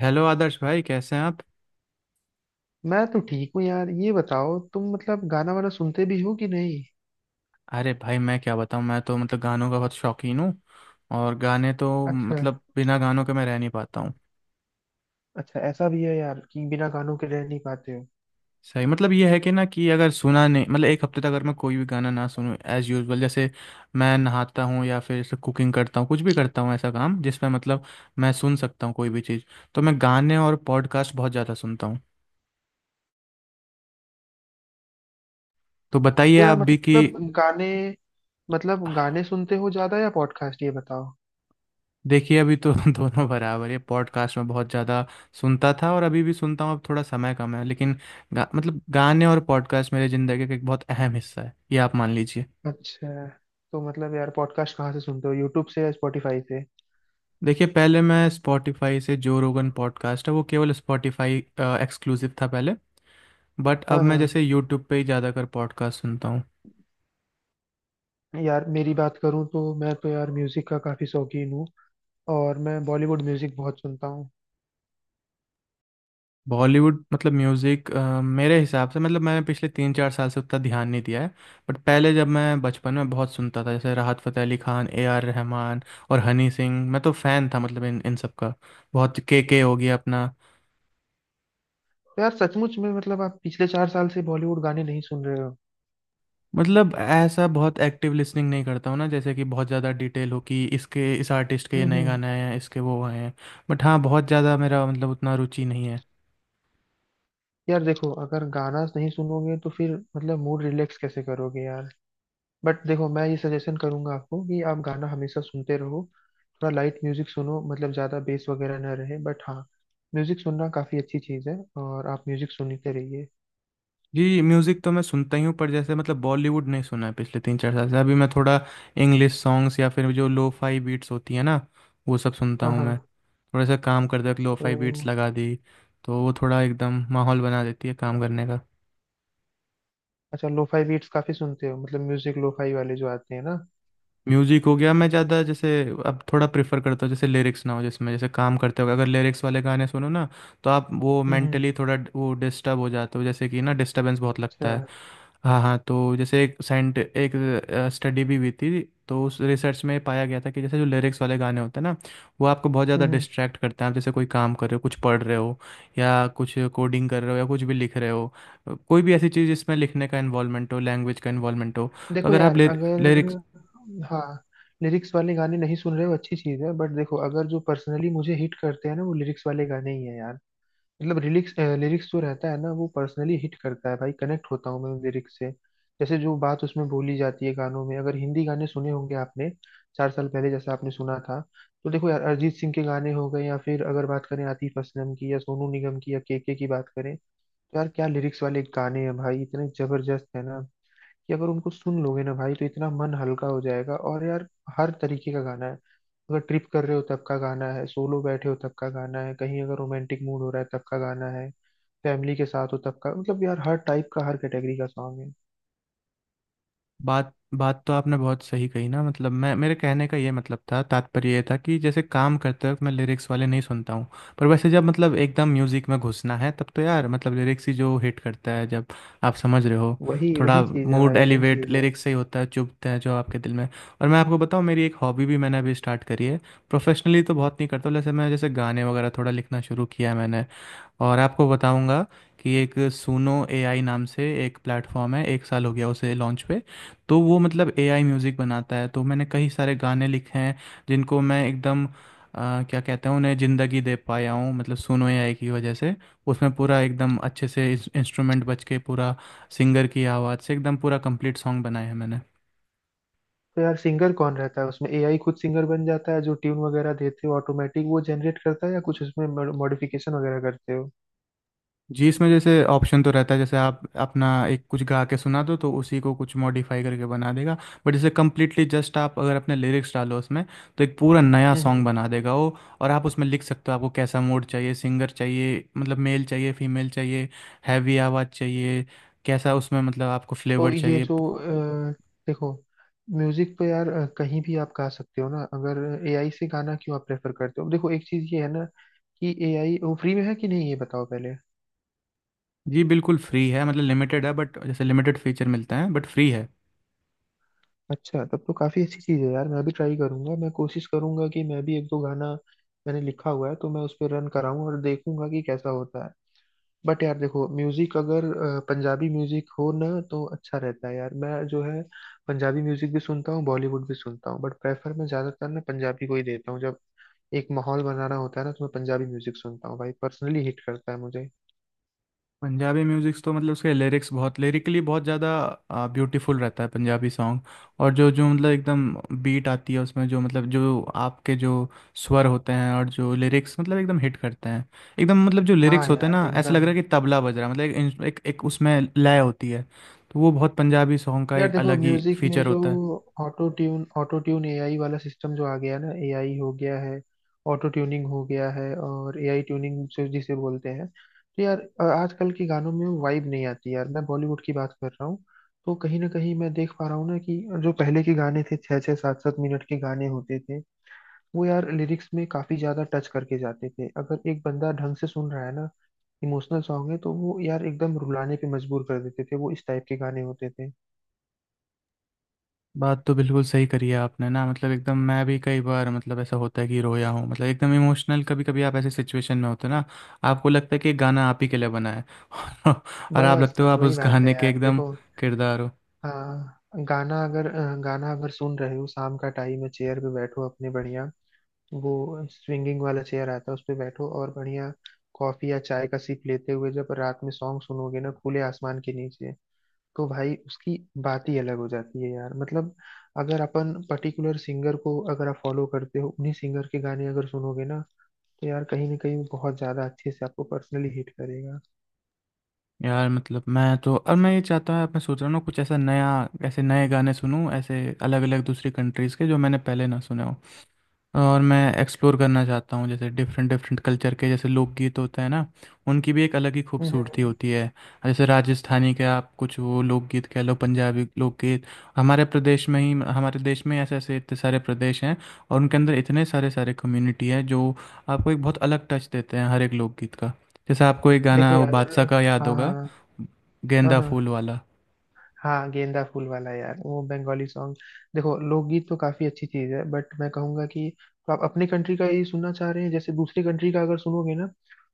Hello Adarsh भाई, कैसे हैं आप? मैं तो ठीक हूँ यार। ये बताओ तुम मतलब गाना वाना सुनते भी हो कि नहीं। अरे भाई, मैं क्या बताऊं, मैं तो मतलब गानों का बहुत शौकीन हूँ। और गाने तो अच्छा। मतलब बिना गानों के मैं रह नहीं पाता हूँ। अच्छा ऐसा भी है यार कि बिना गानों के रह नहीं पाते हो? सही मतलब ये है कि ना, कि अगर सुना नहीं, मतलब एक हफ्ते तक अगर मैं कोई भी गाना ना सुनूं एज यूजुअल, जैसे मैं नहाता हूँ या फिर जैसे कुकिंग करता हूँ, कुछ भी करता हूँ ऐसा काम जिसमें मतलब मैं सुन सकता हूँ कोई भी चीज़, तो मैं गाने और पॉडकास्ट बहुत ज़्यादा सुनता हूँ। तो बताइए तो यार आप भी कि। मतलब गाने गाने सुनते हो ज्यादा या पॉडकास्ट, ये बताओ। देखिए, अभी तो दोनों बराबर है। पॉडकास्ट में बहुत ज़्यादा सुनता था और अभी भी सुनता हूँ, अब थोड़ा समय कम है, लेकिन मतलब गाने और पॉडकास्ट मेरे ज़िंदगी का एक बहुत अहम हिस्सा है, ये आप मान लीजिए। अच्छा। तो मतलब यार पॉडकास्ट कहाँ से सुनते हो, यूट्यूब से या स्पॉटिफाई से? देखिए, पहले मैं स्पॉटिफाई से, जो रोगन पॉडकास्ट है, वो केवल स्पॉटिफाई एक्सक्लूसिव था पहले। बट अब हाँ हाँ। मैं जैसे यूट्यूब पे ही ज़्यादातर पॉडकास्ट सुनता हूँ। यार मेरी बात करूँ तो मैं तो यार म्यूजिक का काफी शौकीन हूँ और मैं बॉलीवुड म्यूजिक बहुत सुनता हूँ। बॉलीवुड मतलब म्यूज़िक, मेरे हिसाब से मतलब मैंने पिछले 3 4 साल से उतना ध्यान नहीं दिया है। बट पहले जब मैं बचपन में बहुत सुनता था, जैसे राहत फ़तेह अली खान, ए आर रहमान और हनी सिंह, मैं तो फ़ैन था मतलब इन इन सब का। बहुत के हो गया अपना। तो यार सचमुच में मतलब आप पिछले 4 साल से बॉलीवुड गाने नहीं सुन रहे हो? मतलब ऐसा बहुत एक्टिव लिसनिंग नहीं करता हूँ ना, जैसे कि बहुत ज़्यादा डिटेल हो कि इसके, इस आर्टिस्ट के ये नए हम्म। गाने आए हैं, इसके वो आए हैं। बट हाँ, बहुत ज़्यादा मेरा मतलब उतना रुचि नहीं है। यार देखो, अगर गाना नहीं सुनोगे तो फिर मतलब मूड रिलैक्स कैसे करोगे यार। बट देखो मैं ये सजेशन करूंगा आपको कि आप गाना हमेशा सुनते रहो। थोड़ा लाइट म्यूजिक सुनो, मतलब ज्यादा बेस वगैरह ना रहे, बट हाँ, म्यूजिक सुनना काफी अच्छी चीज है और आप म्यूजिक सुनते रहिए। जी, म्यूज़िक तो मैं सुनता ही हूँ, पर जैसे मतलब बॉलीवुड नहीं सुना है पिछले 3 4 साल से। अभी मैं थोड़ा इंग्लिश सॉन्ग्स या फिर जो लो फाई बीट्स होती है ना, वो सब सुनता हाँ हूँ हाँ। मैं। थोड़ा सा काम करते वक्त लो फाई बीट्स तो लगा दी, तो वो थोड़ा एकदम माहौल बना देती है काम करने का। अच्छा लोफाई बीट्स काफी सुनते हो, मतलब म्यूजिक लोफाई वाले जो आते हैं ना। म्यूज़िक हो गया मैं ज़्यादा जैसे अब थोड़ा प्रेफर करता हूँ जैसे लिरिक्स ना हो जिसमें, जैसे काम करते वक्त अगर लिरिक्स वाले गाने सुनो ना, तो आप वो हम्म हम्म, मेंटली थोड़ा वो डिस्टर्ब हो जाते हो, जैसे कि ना, डिस्टर्बेंस बहुत लगता अच्छा, है। हाँ हाँ, तो जैसे एक स्टडी भी हुई थी, तो उस रिसर्च में पाया गया था कि जैसे जो लिरिक्स वाले गाने होते हैं ना, वो आपको बहुत ज़्यादा हम्म। डिस्ट्रैक्ट करते हैं। आप जैसे कोई काम कर रहे हो, कुछ पढ़ रहे हो या कुछ कोडिंग कर रहे हो या कुछ भी लिख रहे हो, कोई भी ऐसी चीज़ जिसमें लिखने का इन्वॉल्वमेंट हो, लैंग्वेज का इन्वॉल्वमेंट हो, तो देखो अगर यार आप अगर, लिरिक्स। हाँ, लिरिक्स वाले गाने नहीं सुन रहे हो अच्छी चीज है, बट देखो अगर जो पर्सनली मुझे हिट करते हैं ना वो लिरिक्स वाले गाने ही है यार। मतलब लिरिक्स लिरिक्स जो रहता है ना वो पर्सनली हिट करता है भाई, कनेक्ट होता हूँ मैं उन लिरिक्स से। जैसे जो बात उसमें बोली जाती है गानों में, अगर हिंदी गाने सुने होंगे आपने 4 साल पहले जैसा आपने सुना था। तो देखो यार अरिजीत सिंह के गाने हो गए या फिर अगर बात करें आतिफ असलम की या सोनू निगम की या केके की बात करें, तो यार क्या लिरिक्स वाले गाने हैं भाई, इतने जबरदस्त है ना कि अगर उनको सुन लोगे ना भाई तो इतना मन हल्का हो जाएगा। और यार हर तरीके का गाना है। अगर ट्रिप कर रहे हो तब का गाना है, सोलो बैठे हो तब का गाना है, कहीं अगर रोमांटिक मूड हो रहा है तब का गाना है, फैमिली के साथ हो तब का, मतलब यार हर टाइप का, हर कैटेगरी का सॉन्ग है। बात बात तो आपने बहुत सही कही ना। मतलब मैं मेरे कहने का ये मतलब था, तात्पर्य ये था कि जैसे काम करते वक्त मैं लिरिक्स वाले नहीं सुनता हूँ। पर वैसे जब मतलब एकदम म्यूजिक में घुसना है, तब तो यार मतलब लिरिक्स ही जो हिट करता है जब, आप समझ रहे हो। वही थोड़ा वही चीज है मूड भाई, वही एलिवेट चीज है। लिरिक्स से ही होता है, चुभते हैं जो आपके दिल में। और मैं आपको बताऊँ, मेरी एक हॉबी भी मैंने अभी स्टार्ट करी है, प्रोफेशनली तो बहुत नहीं करता हूँ, जैसे मैं जैसे गाने वगैरह थोड़ा लिखना शुरू किया है मैंने। और आपको बताऊंगा कि एक सुनो एआई नाम से एक प्लेटफॉर्म है, एक साल हो गया उसे लॉन्च पे। तो वो मतलब एआई म्यूज़िक बनाता है, तो मैंने कई सारे गाने लिखे हैं जिनको मैं एकदम, क्या कहते हैं उन्हें, ज़िंदगी दे पाया हूँ, मतलब सुनो एआई की वजह से। उसमें पूरा एकदम अच्छे से इंस्ट्रूमेंट बज के, पूरा सिंगर की आवाज़ से, एकदम पूरा कंप्लीट सॉन्ग बनाया है मैंने। तो यार सिंगर कौन रहता है उसमें, एआई खुद सिंगर बन जाता है? जो ट्यून वगैरह देते हो ऑटोमेटिक वो जनरेट करता है या कुछ उसमें मॉडिफिकेशन वगैरह करते हो? जी, इसमें जैसे ऑप्शन तो रहता है, जैसे आप अपना एक कुछ गा के सुना दो, तो उसी को कुछ मॉडिफाई करके बना देगा। बट जैसे कम्प्लीटली जस्ट, आप अगर अपने लिरिक्स डालो उसमें, तो एक पूरा नया हम्म। सॉन्ग बना देगा वो। और आप उसमें लिख सकते हो आपको कैसा मूड चाहिए, सिंगर चाहिए, मतलब मेल चाहिए, फीमेल चाहिए, हैवी आवाज़ चाहिए, कैसा उसमें मतलब आपको तो फ्लेवर ये चाहिए। जो अ, देखो, म्यूजिक तो यार कहीं भी आप गा सकते हो ना, अगर एआई से गाना क्यों आप प्रेफर करते हो? देखो एक चीज ये है ना कि एआई वो फ्री में है कि नहीं ये बताओ पहले। जी, बिल्कुल फ्री है। मतलब लिमिटेड है, बट जैसे लिमिटेड फीचर मिलते हैं, बट फ्री है। अच्छा, तब तो काफी अच्छी चीज है यार, मैं भी ट्राई करूंगा। मैं कोशिश करूंगा कि मैं भी एक दो गाना मैंने लिखा हुआ है तो मैं उस पर रन कराऊं और देखूंगा कि कैसा होता है। बट यार देखो म्यूजिक अगर पंजाबी म्यूजिक हो ना तो अच्छा रहता है यार। मैं जो है पंजाबी म्यूजिक भी सुनता हूँ, बॉलीवुड भी सुनता हूँ, बट प्रेफर मैं ज्यादातर ना पंजाबी को ही देता हूँ। जब एक माहौल बनाना होता है ना तो मैं पंजाबी म्यूजिक सुनता हूँ भाई, पर्सनली हिट करता है मुझे। पंजाबी म्यूजिक्स तो मतलब उसके लिरिक्स बहुत लिरिकली बहुत ज़्यादा ब्यूटीफुल रहता है, पंजाबी सॉन्ग। और जो जो मतलब एकदम बीट आती है उसमें, जो मतलब जो आपके जो स्वर होते हैं और जो लिरिक्स मतलब एकदम हिट करते हैं, एकदम मतलब जो हाँ लिरिक्स होते हैं यार ना, ऐसा लग एकदम। रहा है कि तबला बज रहा है। मतलब एक उसमें लय होती है, तो वो बहुत पंजाबी सॉन्ग का यार एक देखो अलग ही म्यूजिक में फीचर जो होता है। ऑटो ट्यून एआई वाला सिस्टम जो आ गया ना, एआई हो गया है, ऑटो ट्यूनिंग हो गया है और एआई ट्यूनिंग जो जिसे बोलते हैं, तो यार आजकल के गानों में वो वाइब नहीं आती यार, मैं बॉलीवुड की बात कर रहा हूँ। तो कहीं ना कहीं मैं देख पा रहा हूँ ना कि जो पहले के गाने थे छः छः सात सात मिनट के गाने होते थे, वो यार लिरिक्स में काफी ज्यादा टच करके जाते थे। अगर एक बंदा ढंग से सुन रहा है ना, इमोशनल सॉन्ग है, तो वो यार एकदम रुलाने पे मजबूर कर देते थे, वो इस टाइप के गाने होते थे। बात तो बिल्कुल सही करी है आपने ना, मतलब एकदम मैं भी कई बार मतलब ऐसा होता है कि रोया हूँ, मतलब एकदम इमोशनल। कभी कभी आप ऐसे सिचुएशन में होते हो ना, आपको लगता है कि ये गाना आप ही के लिए बना है। और आप बस लगते हो बस आप वही उस बात है गाने के यार। एकदम देखो, किरदार हो। हाँ, गाना अगर सुन रहे हो शाम का टाइम में चेयर पे बैठो अपने, बढ़िया वो स्विंगिंग वाला चेयर आता है उस पे बैठो, और बढ़िया कॉफी या चाय का सिप लेते हुए जब रात में सॉन्ग सुनोगे ना खुले आसमान के नीचे, तो भाई उसकी बात ही अलग हो जाती है यार। मतलब अगर अपन पर्टिकुलर सिंगर को अगर आप फॉलो करते हो, उन्हीं सिंगर के गाने अगर सुनोगे ना तो यार कहीं ना कहीं वो बहुत ज्यादा अच्छे से आपको पर्सनली हिट करेगा। यार मतलब मैं तो, और मैं ये चाहता हूँ, मैं सोच रहा हूँ ना कुछ ऐसा नया, ऐसे नए गाने सुनूँ ऐसे अलग अलग दूसरी कंट्रीज़ के, जो मैंने पहले ना सुने हो। और मैं एक्सप्लोर करना चाहता हूँ जैसे डिफरेंट डिफरेंट कल्चर के, जैसे लोकगीत होते हैं ना, उनकी भी एक अलग ही खूबसूरती हम्म, होती है। जैसे राजस्थानी के आप कुछ वो लोकगीत कह लो, पंजाबी लोकगीत। हमारे प्रदेश में ही, हमारे देश में ऐसे ऐसे इतने सारे प्रदेश हैं, और उनके अंदर इतने सारे सारे कम्युनिटी हैं जो आपको एक बहुत अलग टच देते हैं, हर एक लोकगीत का। जैसे आपको एक देखो गाना वो यार, बादशाह का याद हाँ हाँ होगा, हाँ। हाँ गेंदा हाँ, फूल वाला। हाँ गेंदा फूल वाला यार वो बंगाली सॉन्ग। देखो लोकगीत तो काफी अच्छी चीज है बट मैं कहूंगा कि तो आप अपनी कंट्री का ही सुनना चाह रहे हैं। जैसे दूसरी कंट्री का अगर सुनोगे ना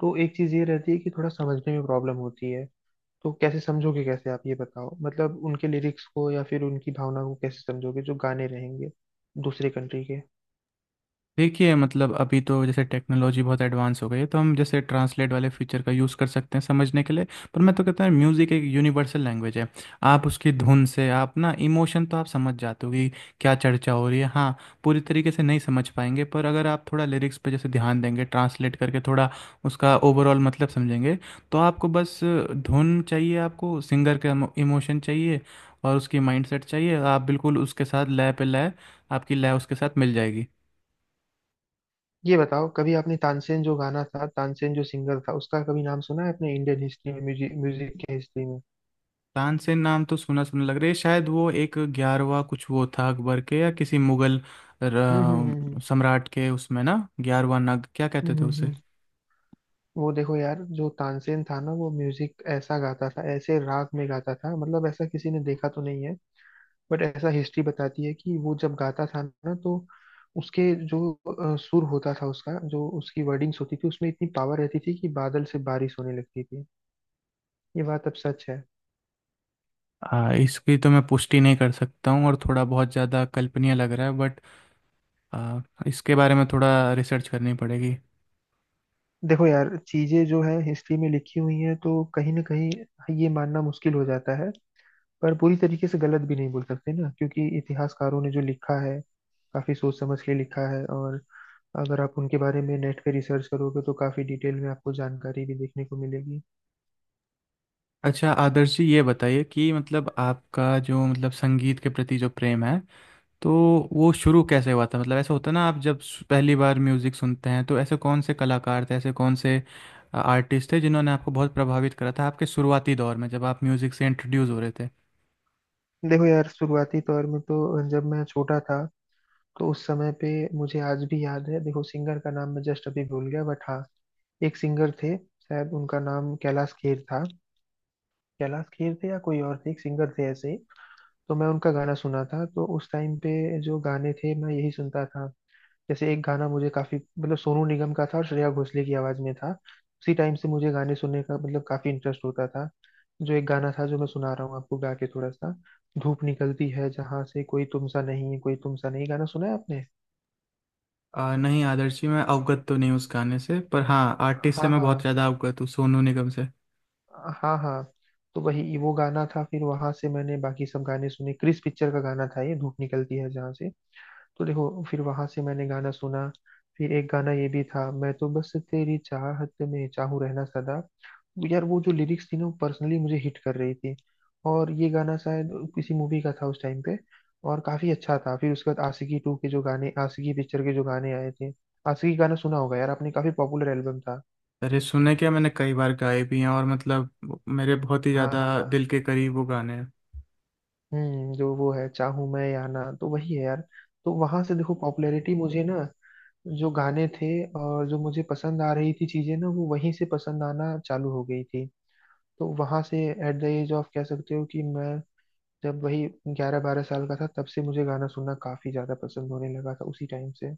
तो एक चीज ये रहती है कि थोड़ा समझने में प्रॉब्लम होती है। तो कैसे समझोगे, कैसे आप ये बताओ मतलब उनके लिरिक्स को या फिर उनकी भावना को कैसे समझोगे जो गाने रहेंगे दूसरे कंट्री के। देखिए, मतलब अभी तो जैसे टेक्नोलॉजी बहुत एडवांस हो गई है, तो हम जैसे ट्रांसलेट वाले फीचर का यूज़ कर सकते हैं समझने के लिए। पर मैं तो कहता हूँ म्यूज़िक एक यूनिवर्सल लैंग्वेज है। आप उसकी धुन से, आप ना इमोशन तो आप समझ जाते हो कि क्या चर्चा हो रही है। हाँ, पूरी तरीके से नहीं समझ पाएंगे, पर अगर आप थोड़ा लिरिक्स पे जैसे ध्यान देंगे, ट्रांसलेट करके थोड़ा उसका ओवरऑल मतलब समझेंगे, तो आपको बस धुन चाहिए, आपको सिंगर का इमोशन चाहिए और उसकी माइंडसेट चाहिए, आप बिल्कुल उसके साथ लय पे लय, आपकी लय उसके साथ मिल जाएगी। ये बताओ, कभी आपने तानसेन जो गाना था, तानसेन जो सिंगर था उसका कभी नाम सुना है अपने इंडियन हिस्ट्री में, म्यूजिक म्यूजिक के हिस्ट्री में? तानसेन नाम तो सुना सुना लग रहा है, शायद वो एक 11वां कुछ वो था अकबर के या किसी मुगल हम्म। सम्राट के, उसमें ना 11वां नग क्या हम्म कहते थे हम्म उसे। हम्म, वो देखो यार जो तानसेन था ना वो म्यूजिक ऐसा गाता था ऐसे राग में गाता था, मतलब ऐसा किसी ने देखा तो नहीं है बट ऐसा हिस्ट्री बताती है कि वो जब गाता था ना तो उसके जो सुर होता था उसका, जो उसकी वर्डिंग्स होती थी उसमें इतनी पावर रहती थी कि बादल से बारिश होने लगती थी। ये बात अब सच है। इसकी तो मैं पुष्टि नहीं कर सकता हूँ, और थोड़ा बहुत ज़्यादा कल्पनीय लग रहा है, बट आ, इसके बारे में थोड़ा रिसर्च करनी पड़ेगी। देखो यार चीजें जो है हिस्ट्री में लिखी हुई हैं तो कहीं ना कहीं ये मानना मुश्किल हो जाता है, पर पूरी तरीके से गलत भी नहीं बोल सकते ना क्योंकि इतिहासकारों ने जो लिखा है काफी सोच समझ के लिखा है। और अगर आप उनके बारे में नेट पे रिसर्च करोगे तो काफी डिटेल में आपको जानकारी भी देखने को मिलेगी। अच्छा आदर्श जी, ये बताइए कि मतलब आपका जो, मतलब संगीत के प्रति जो प्रेम है, तो वो शुरू कैसे हुआ था? मतलब ऐसा होता है ना, आप जब पहली बार म्यूज़िक सुनते हैं, तो ऐसे कौन से कलाकार थे, ऐसे कौन से आर्टिस्ट थे जिन्होंने आपको बहुत प्रभावित करा था आपके शुरुआती दौर में, जब आप म्यूज़िक से इंट्रोड्यूस हो रहे थे? देखो यार शुरुआती तौर में तो जब मैं छोटा था तो उस समय पे मुझे आज भी याद है, देखो सिंगर का नाम मैं जस्ट अभी भूल गया बट हाँ, एक सिंगर थे शायद उनका नाम कैलाश खेर था। कैलाश खेर थे या कोई और थे, एक सिंगर थे ऐसे ही। तो मैं उनका गाना सुना था तो उस टाइम पे जो गाने थे मैं यही सुनता था। जैसे एक गाना मुझे काफी मतलब सोनू निगम का था और श्रेया घोषाल की आवाज में था। उसी टाइम से मुझे गाने सुनने का मतलब काफी इंटरेस्ट होता था। जो एक गाना था जो मैं सुना रहा हूँ आपको गा के थोड़ा सा, धूप निकलती है जहां से, कोई तुमसा नहीं है, कोई तुमसा नहीं, गाना सुना है आपने? नहीं आदर्श जी, मैं अवगत तो नहीं हूँ उस गाने से, पर हाँ आर्टिस्ट से हाँ मैं हाँ। बहुत ज़्यादा अवगत हूँ, सोनू निगम से। हाँ हाँ। तो वही वो गाना था, फिर वहां से मैंने बाकी सब गाने सुने। क्रिस पिक्चर का गाना था ये धूप निकलती है जहां से। तो देखो फिर वहां से मैंने गाना सुना, फिर एक गाना ये भी था, मैं तो बस तेरी चाहत में चाहूँ रहना सदा, वो यार वो जो लिरिक्स थी ना वो पर्सनली मुझे हिट कर रही थी। और ये गाना शायद किसी मूवी का था उस टाइम पे, और काफी अच्छा था। फिर उसके बाद आशिकी टू के जो गाने, आशिकी पिक्चर के जो गाने आए थे, आशिकी गाना सुना होगा यार आपने, काफी पॉपुलर एल्बम था। अरे सुने क्या, मैंने कई बार गाए भी हैं, और मतलब मेरे बहुत ही हाँ ज़्यादा हाँ। दिल के करीब वो गाने हैं। हम्म, जो वो है चाहूं मैं या ना, तो वही है यार। तो वहां से देखो पॉपुलैरिटी मुझे ना, जो गाने थे और जो मुझे पसंद आ रही थी चीजें ना, वो वहीं से पसंद आना चालू हो गई थी। तो वहां से एट द एज ऑफ कह सकते हो कि मैं, जब वही 11-12 साल का था, तब से मुझे गाना सुनना काफी ज्यादा पसंद होने लगा था उसी टाइम से।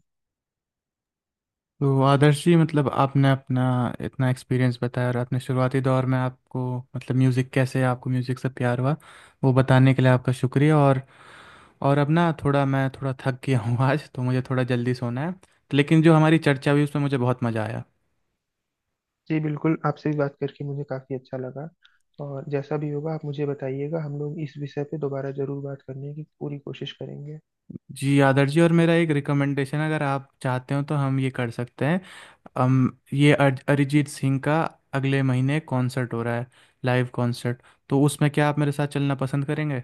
तो आदर्श जी, मतलब आपने अपना इतना एक्सपीरियंस बताया, और अपने शुरुआती दौर में आपको मतलब म्यूज़िक कैसे, आपको म्यूज़िक से प्यार हुआ, वो बताने के लिए आपका शुक्रिया। और अब ना थोड़ा, मैं थोड़ा थक गया हूँ आज तो मुझे थोड़ा जल्दी सोना है, लेकिन जो हमारी चर्चा हुई उसमें मुझे बहुत मज़ा आया। जी बिल्कुल, आपसे भी बात करके मुझे काफी अच्छा लगा और जैसा भी होगा आप मुझे बताइएगा, हम लोग इस विषय पे दोबारा जरूर बात करने की पूरी कोशिश करेंगे। जी आदर्श जी, और मेरा एक रिकमेंडेशन, अगर आप चाहते हो तो हम ये कर सकते हैं। हम ये अरिजीत सिंह का अगले महीने कॉन्सर्ट हो रहा है, लाइव कॉन्सर्ट। तो उसमें क्या आप मेरे साथ चलना पसंद करेंगे?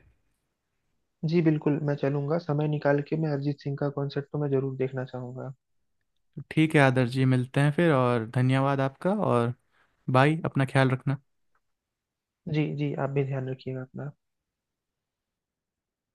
जी बिल्कुल मैं चलूंगा, समय निकाल के मैं अरिजीत सिंह का कॉन्सर्ट तो मैं जरूर देखना चाहूंगा। ठीक है आदर्श जी, मिलते हैं फिर, और धन्यवाद आपका। और बाय, अपना ख्याल रखना। जी जी आप भी ध्यान रखिएगा अपना।